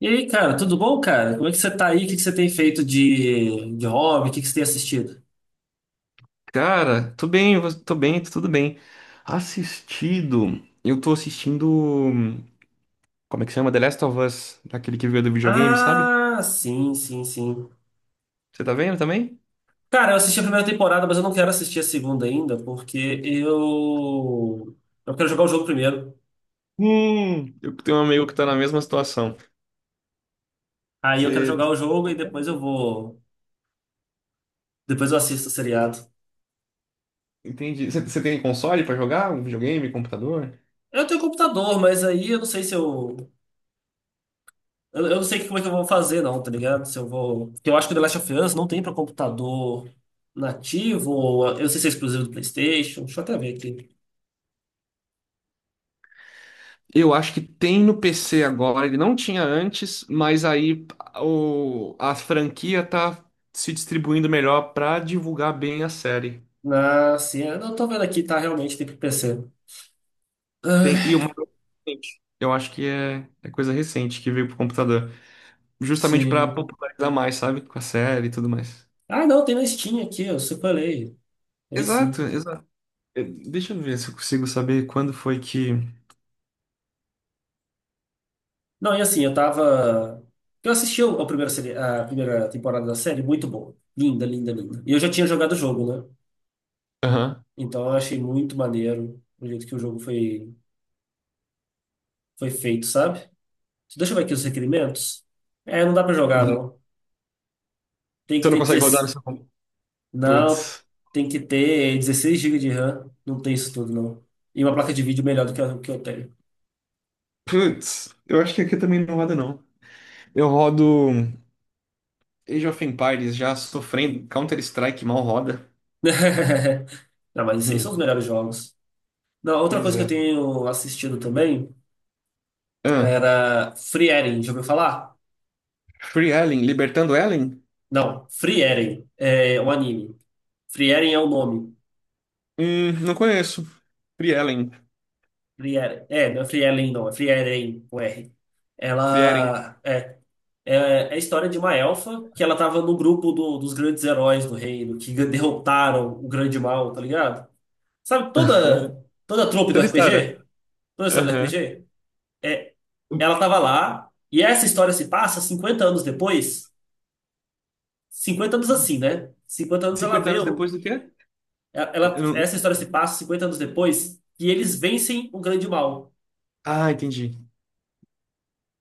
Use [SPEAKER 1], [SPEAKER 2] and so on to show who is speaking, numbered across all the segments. [SPEAKER 1] E aí, cara, tudo bom, cara? Como é que você tá aí? O que que você tem feito de hobby? O que que você tem assistido?
[SPEAKER 2] Cara, tô bem, tô bem, tudo bem. Assistido, eu tô assistindo, hum, como é que chama? The Last of Us, aquele que veio do videogame, sabe?
[SPEAKER 1] Ah, sim, sim, sim.
[SPEAKER 2] Você tá vendo também?
[SPEAKER 1] Cara, eu assisti a primeira temporada, mas eu não quero assistir a segunda ainda, porque eu. Eu quero jogar o jogo primeiro.
[SPEAKER 2] Eu tenho um amigo que tá na mesma situação.
[SPEAKER 1] Aí eu quero jogar
[SPEAKER 2] Você
[SPEAKER 1] o jogo e depois eu vou. Depois eu assisto o seriado.
[SPEAKER 2] entende? Você tem console pra jogar? Um videogame, computador?
[SPEAKER 1] Eu tenho computador, mas aí eu não sei se eu. Eu não sei como é que eu vou fazer, não, tá ligado? Se eu vou. Porque eu acho que o The Last of Us não tem pra computador nativo, ou eu não sei se é exclusivo do PlayStation. Deixa eu até ver aqui.
[SPEAKER 2] Eu acho que tem no PC agora, ele não tinha antes, mas aí a franquia tá se distribuindo melhor pra divulgar bem a série.
[SPEAKER 1] Ah, sim. Eu não tô vendo aqui, tá? Realmente tem pro PC.
[SPEAKER 2] Tem, e
[SPEAKER 1] Ah,
[SPEAKER 2] uma coisa recente. Eu acho que é coisa recente que veio pro computador. Justamente pra
[SPEAKER 1] sim.
[SPEAKER 2] popularizar mais, sabe? Com a série e tudo mais.
[SPEAKER 1] Ah, não, tem na Steam aqui, eu separei. Tem
[SPEAKER 2] Exato,
[SPEAKER 1] sim.
[SPEAKER 2] exato. Deixa eu ver se eu consigo saber quando foi que.
[SPEAKER 1] Não, e assim, eu tava. Eu assisti a primeira, a primeira temporada da série, muito boa. Linda, linda, linda. E eu já tinha jogado o jogo, né?
[SPEAKER 2] Aham.
[SPEAKER 1] Então eu achei muito maneiro o jeito que o jogo foi feito, sabe? Deixa eu ver aqui os requerimentos. É, não dá pra jogar, não. Tem que
[SPEAKER 2] Você não
[SPEAKER 1] ter
[SPEAKER 2] consegue rodar no
[SPEAKER 1] 16.
[SPEAKER 2] seu computador?
[SPEAKER 1] Não,
[SPEAKER 2] Putz.
[SPEAKER 1] tem que ter 16 gigas de RAM. Não tem isso tudo, não. E uma placa de vídeo melhor do que a que eu tenho.
[SPEAKER 2] Putz. Eu acho que aqui também não roda, não. Eu rodo Age of Empires já sofrendo. Counter-Strike mal roda.
[SPEAKER 1] Não, mas isso aí são os
[SPEAKER 2] Hum,
[SPEAKER 1] melhores jogos. Não, outra
[SPEAKER 2] pois
[SPEAKER 1] coisa que eu
[SPEAKER 2] é.
[SPEAKER 1] tenho assistido também
[SPEAKER 2] Ah,
[SPEAKER 1] era Free Eren, já ouviu falar?
[SPEAKER 2] Free Ellen, Libertando Ellen?
[SPEAKER 1] Não, Free Eren é um anime. Free Eren é o nome.
[SPEAKER 2] Não conheço. Free Ellen.
[SPEAKER 1] Free Eren. É, não é Free Eren, não, é Free Eren com R.
[SPEAKER 2] Free Ellen.
[SPEAKER 1] Ela é, é a história de uma elfa que ela tava no grupo dos grandes heróis do reino, que derrotaram o grande mal, tá ligado? Sabe toda a trope do
[SPEAKER 2] Toda história.
[SPEAKER 1] RPG? Toda a história do
[SPEAKER 2] Aham.
[SPEAKER 1] RPG? Ela estava lá, e essa história se passa 50 anos depois. 50 anos assim, né? 50 anos ela
[SPEAKER 2] cinquenta
[SPEAKER 1] vê.
[SPEAKER 2] anos
[SPEAKER 1] o-
[SPEAKER 2] depois do quê? Eu
[SPEAKER 1] Essa
[SPEAKER 2] não-
[SPEAKER 1] história se passa 50 anos depois, e eles vencem o grande mal.
[SPEAKER 2] Ah, entendi.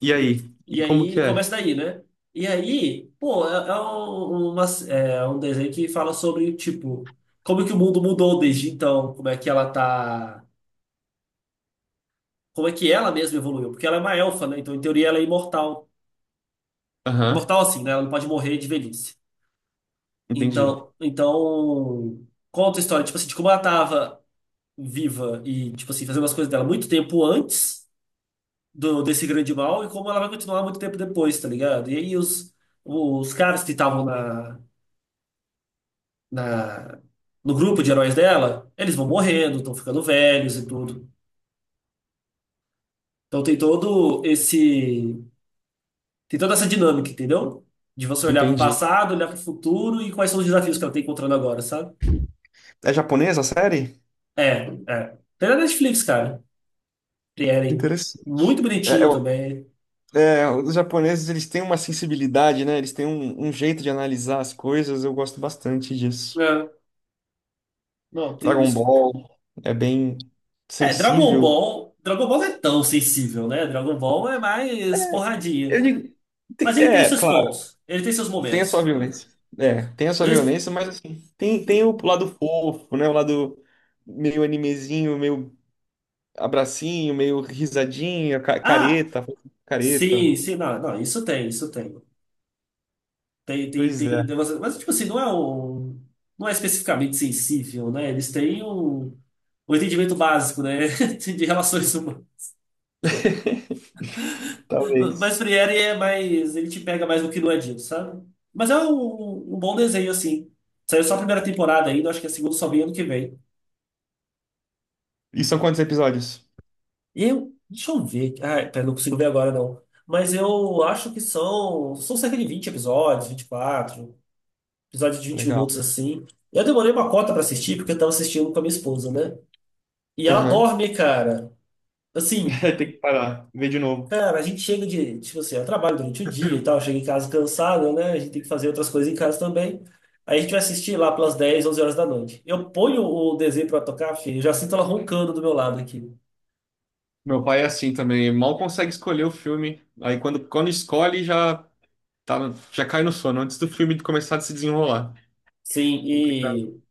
[SPEAKER 2] E
[SPEAKER 1] E,
[SPEAKER 2] aí?
[SPEAKER 1] e
[SPEAKER 2] E como
[SPEAKER 1] aí
[SPEAKER 2] que é?
[SPEAKER 1] começa daí, né? E aí, pô, é um desenho que fala sobre, tipo, como que o mundo mudou desde então, como é que ela tá. Como é que ela mesma evoluiu? Porque ela é uma elfa, né? Então, em teoria, ela é imortal.
[SPEAKER 2] Aham,
[SPEAKER 1] Imortal assim, né? Ela não pode morrer de velhice.
[SPEAKER 2] entendi.
[SPEAKER 1] Então conta a história, tipo assim, de como ela tava viva e, tipo assim, fazendo as coisas dela muito tempo antes do desse grande mal e como ela vai continuar muito tempo depois, tá ligado? E aí os caras que estavam na, no grupo de heróis dela, eles vão morrendo, estão ficando velhos e tudo. Então tem todo esse, tem toda essa dinâmica, entendeu? De você olhar pro
[SPEAKER 2] Entendi.
[SPEAKER 1] passado, olhar pro futuro e quais são os desafios que ela tá encontrando agora, sabe?
[SPEAKER 2] É japonesa a série?
[SPEAKER 1] É, é. Tem na Netflix, cara. Eren. Muito
[SPEAKER 2] Interessante. É,
[SPEAKER 1] bonitinho também.
[SPEAKER 2] os japoneses, eles têm uma sensibilidade, né? eles têm um jeito de analisar as coisas. Eu gosto bastante disso.
[SPEAKER 1] É, não, tem
[SPEAKER 2] Dragon
[SPEAKER 1] isso.
[SPEAKER 2] Ball é bem
[SPEAKER 1] É, Dragon
[SPEAKER 2] sensível.
[SPEAKER 1] Ball. Dragon Ball não é tão sensível, né? Dragon Ball é mais
[SPEAKER 2] Eu
[SPEAKER 1] porradinha.
[SPEAKER 2] digo,
[SPEAKER 1] Mas ele tem
[SPEAKER 2] é,
[SPEAKER 1] seus
[SPEAKER 2] claro.
[SPEAKER 1] pontos. Ele tem seus
[SPEAKER 2] Tem a sua
[SPEAKER 1] momentos.
[SPEAKER 2] violência. É, tem a sua
[SPEAKER 1] Às vezes-
[SPEAKER 2] violência, mas assim, tem o lado fofo, né? O lado meio animezinho, meio abracinho, meio risadinha,
[SPEAKER 1] Ah,
[SPEAKER 2] careta, careta.
[SPEAKER 1] sim, sim, não, não, isso tem, isso tem. Tem, tem,
[SPEAKER 2] Pois
[SPEAKER 1] tem.
[SPEAKER 2] é.
[SPEAKER 1] Mas, tipo assim, não é um. Não é especificamente sensível, né? Eles têm um entendimento básico, né? De relações. Mas
[SPEAKER 2] Talvez.
[SPEAKER 1] Friere é mais. Ele te pega mais do que no Edinho, sabe? Mas é um bom desenho, assim. Saiu só a primeira temporada ainda, acho que a segunda só vem ano que vem.
[SPEAKER 2] E são quantos episódios?
[SPEAKER 1] E eu. Deixa eu ver. Ah, pera, não consigo ver agora, não. Mas eu acho que são. São cerca de 20 episódios, 24 episódio de vinte
[SPEAKER 2] Legal.
[SPEAKER 1] minutos, assim. Eu demorei uma cota pra assistir, porque eu tava assistindo com a minha esposa, né? E ela
[SPEAKER 2] Aham.
[SPEAKER 1] dorme, cara. Assim,
[SPEAKER 2] Tem que parar, ver de novo.
[SPEAKER 1] cara, a gente chega de, tipo assim, eu trabalho durante o dia e tal, chega em casa cansado, né? A gente tem que fazer outras coisas em casa também. Aí a gente vai assistir lá pelas 10 11 horas da noite. Eu ponho o desenho pra tocar, filho, eu já sinto ela roncando do meu lado aqui.
[SPEAKER 2] Meu pai é assim também, mal consegue escolher o filme. Aí quando escolhe, já cai no sono antes do filme começar a se desenrolar.
[SPEAKER 1] Sim,
[SPEAKER 2] Complicado.
[SPEAKER 1] e.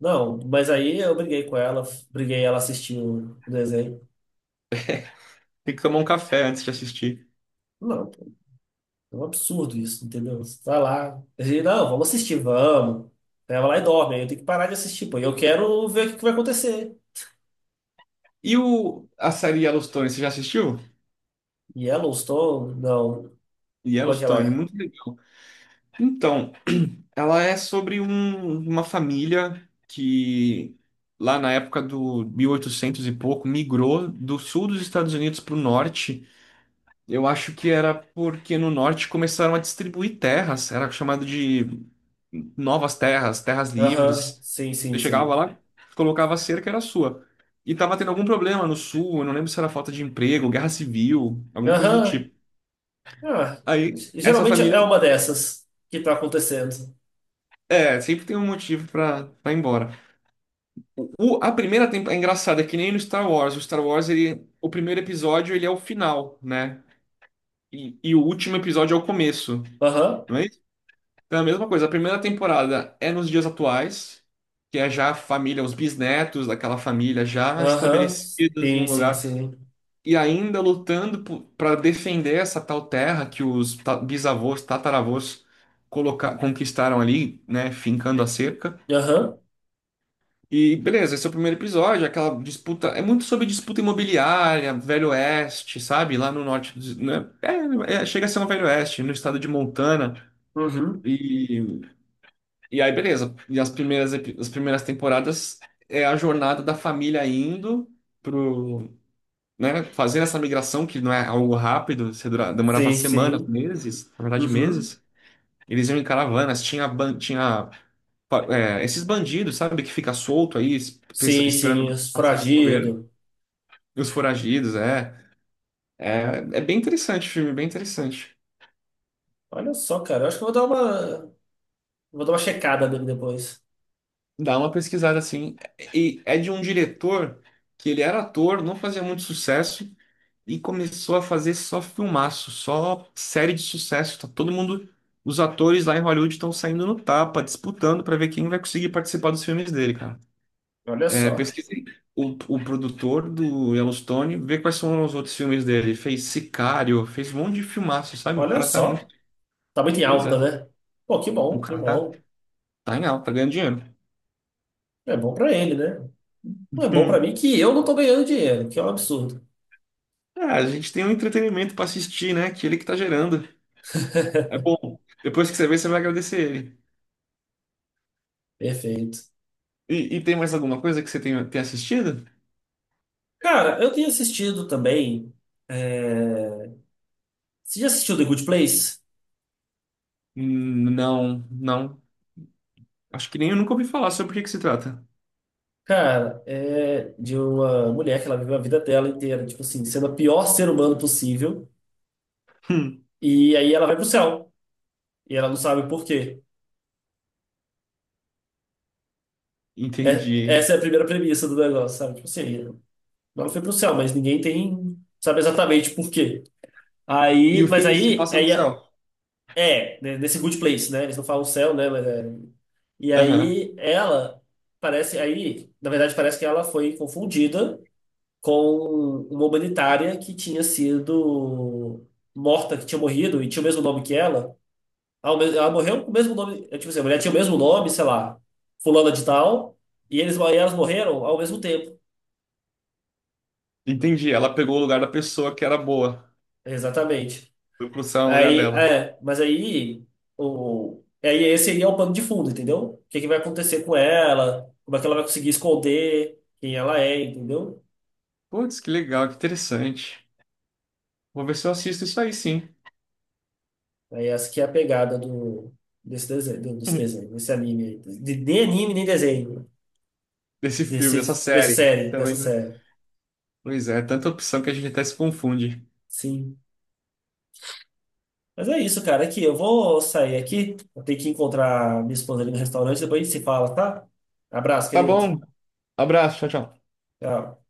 [SPEAKER 1] Não, mas aí eu briguei com ela, briguei ela assistiu o desenho.
[SPEAKER 2] Tem que tomar um café antes de assistir.
[SPEAKER 1] Não, pô, é um absurdo isso, entendeu? Você vai lá, a gente, não, vamos assistir, vamos. Aí ela vai lá e dorme, aí eu tenho que parar de assistir, pô, e eu quero ver o que que vai acontecer.
[SPEAKER 2] E a série Yellowstone, você já assistiu?
[SPEAKER 1] Yellowstone? Não. Como é que ela
[SPEAKER 2] Yellowstone,
[SPEAKER 1] é?
[SPEAKER 2] muito legal. Então, ela é sobre uma família que, lá na época do 1800 e oitocentos e pouco, migrou do sul dos Estados Unidos para o norte. Eu acho que era porque no norte começaram a distribuir terras, era chamado de novas terras, terras
[SPEAKER 1] Aham,
[SPEAKER 2] livres.
[SPEAKER 1] sim, sim,
[SPEAKER 2] Você
[SPEAKER 1] sim.
[SPEAKER 2] chegava lá, colocava a cerca, era sua. E tava tendo algum problema no sul, eu não lembro se era falta de emprego, guerra civil, alguma coisa do
[SPEAKER 1] Aham,
[SPEAKER 2] tipo.
[SPEAKER 1] ah,
[SPEAKER 2] Aí, essa
[SPEAKER 1] geralmente é
[SPEAKER 2] família.
[SPEAKER 1] uma dessas que tá acontecendo.
[SPEAKER 2] É, sempre tem um motivo pra ir embora. A primeira temporada. É engraçado, é que nem no Star Wars. O Star Wars, ele, o primeiro episódio, ele é o final, né? E o último episódio é o começo.
[SPEAKER 1] Aham,
[SPEAKER 2] Não é isso? Então é a mesma coisa. A primeira temporada é nos dias atuais, que é já a família, os bisnetos daquela família já
[SPEAKER 1] aham,
[SPEAKER 2] estabelecidos
[SPEAKER 1] sim,
[SPEAKER 2] num
[SPEAKER 1] sim,
[SPEAKER 2] lugar.
[SPEAKER 1] sim.
[SPEAKER 2] E ainda lutando para defender essa tal terra que os bisavôs, tataravôs conquistaram ali, né? Fincando a cerca.
[SPEAKER 1] Aham,
[SPEAKER 2] E beleza, esse é o primeiro episódio, aquela disputa. É muito sobre disputa imobiliária, Velho Oeste, sabe? Lá no norte, né? É, é, chega a ser no Velho Oeste, no estado de Montana.
[SPEAKER 1] uhum,
[SPEAKER 2] E, e aí, beleza. E as primeiras temporadas é a jornada da família indo pro, né? Fazendo essa migração, que não é algo rápido, você demorava
[SPEAKER 1] sim,
[SPEAKER 2] semanas,
[SPEAKER 1] sim,
[SPEAKER 2] meses, na verdade,
[SPEAKER 1] uhum,
[SPEAKER 2] meses. Eles iam em caravanas, tinha esses bandidos, sabe? Que fica solto aí,
[SPEAKER 1] sim, sim,
[SPEAKER 2] esperando
[SPEAKER 1] os
[SPEAKER 2] passar de bobeira.
[SPEAKER 1] foragido.
[SPEAKER 2] Os Foragidos, é. É, é bem interessante o filme, bem interessante.
[SPEAKER 1] Olha só, cara, eu acho que eu vou dar uma checada nele depois.
[SPEAKER 2] Dá uma pesquisada assim. E é de um diretor que ele era ator, não fazia muito sucesso e começou a fazer só filmaço, só série de sucesso. Tá todo mundo, os atores lá em Hollywood estão saindo no tapa, disputando para ver quem vai conseguir participar dos filmes dele, cara.
[SPEAKER 1] Olha
[SPEAKER 2] É,
[SPEAKER 1] só,
[SPEAKER 2] pesquisei o produtor do Yellowstone, vê quais são os outros filmes dele. Fez Sicário, fez um monte de filmaço, sabe? O
[SPEAKER 1] olha
[SPEAKER 2] cara tá muito.
[SPEAKER 1] só, tá muito em
[SPEAKER 2] Pois
[SPEAKER 1] alta,
[SPEAKER 2] é.
[SPEAKER 1] né? Pô, que
[SPEAKER 2] O
[SPEAKER 1] bom, que
[SPEAKER 2] cara tá
[SPEAKER 1] bom.
[SPEAKER 2] Tá em alta, tá ganhando dinheiro.
[SPEAKER 1] É bom pra ele, né? Não é bom pra mim que eu não tô ganhando dinheiro, que é um absurdo.
[SPEAKER 2] Ah, a gente tem um entretenimento pra assistir, né? Que ele que tá gerando. É bom. Depois que você vê, você vai agradecer ele.
[SPEAKER 1] Perfeito.
[SPEAKER 2] E tem mais alguma coisa que você tem assistido?
[SPEAKER 1] Cara, eu tenho assistido também. É, você já assistiu The Good Place?
[SPEAKER 2] Não, não. Acho que nem eu nunca ouvi falar sobre o que que se trata.
[SPEAKER 1] Cara, é de uma mulher que ela viveu a vida dela inteira, tipo assim, sendo a pior ser humano possível.
[SPEAKER 2] Hum,
[SPEAKER 1] E aí ela vai pro céu. E ela não sabe por quê. É,
[SPEAKER 2] entendi.
[SPEAKER 1] essa é a primeira premissa do negócio, sabe? Tipo assim, ela foi pro céu, mas ninguém tem, sabe exatamente por quê.
[SPEAKER 2] E
[SPEAKER 1] Aí,
[SPEAKER 2] o
[SPEAKER 1] mas
[SPEAKER 2] filme se
[SPEAKER 1] aí,
[SPEAKER 2] passa no
[SPEAKER 1] aí
[SPEAKER 2] céu.
[SPEAKER 1] é, né, nesse Good Place, né? Eles não falam céu, né? Mas é- E
[SPEAKER 2] Aham.
[SPEAKER 1] aí ela parece aí, na verdade parece que ela foi confundida com uma humanitária que tinha sido morta, que tinha morrido e tinha o mesmo nome que ela. Ela morreu com o mesmo nome, é, tipo assim, a mulher tinha o mesmo nome, sei lá, fulana de tal, e eles e elas morreram ao mesmo tempo.
[SPEAKER 2] Entendi. Ela pegou o lugar da pessoa que era boa.
[SPEAKER 1] Exatamente.
[SPEAKER 2] Foi pro céu no lugar
[SPEAKER 1] Aí,
[SPEAKER 2] dela.
[SPEAKER 1] é, mas aí, aí esse seria o pano de fundo, entendeu? O que que vai acontecer com ela, como é que ela vai conseguir esconder quem ela é, entendeu?
[SPEAKER 2] Putz, que legal, que interessante. Vou ver se eu assisto isso aí, sim.
[SPEAKER 1] Aí essa que é a pegada do, desse desenho, desse
[SPEAKER 2] Hum,
[SPEAKER 1] desenho, desse anime aí. Nem anime, nem desenho.
[SPEAKER 2] Desse filme, dessa
[SPEAKER 1] Desse, dessa
[SPEAKER 2] série.
[SPEAKER 1] série, dessa
[SPEAKER 2] Também.
[SPEAKER 1] série.
[SPEAKER 2] Pois é, tanta opção que a gente até se confunde.
[SPEAKER 1] Sim. Mas é isso, cara. Aqui, eu vou sair aqui. Eu tenho que encontrar minha esposa ali no restaurante, depois a gente se fala, tá? Abraço,
[SPEAKER 2] Tá
[SPEAKER 1] querido.
[SPEAKER 2] bom, abraço, tchau, tchau.
[SPEAKER 1] Tchau.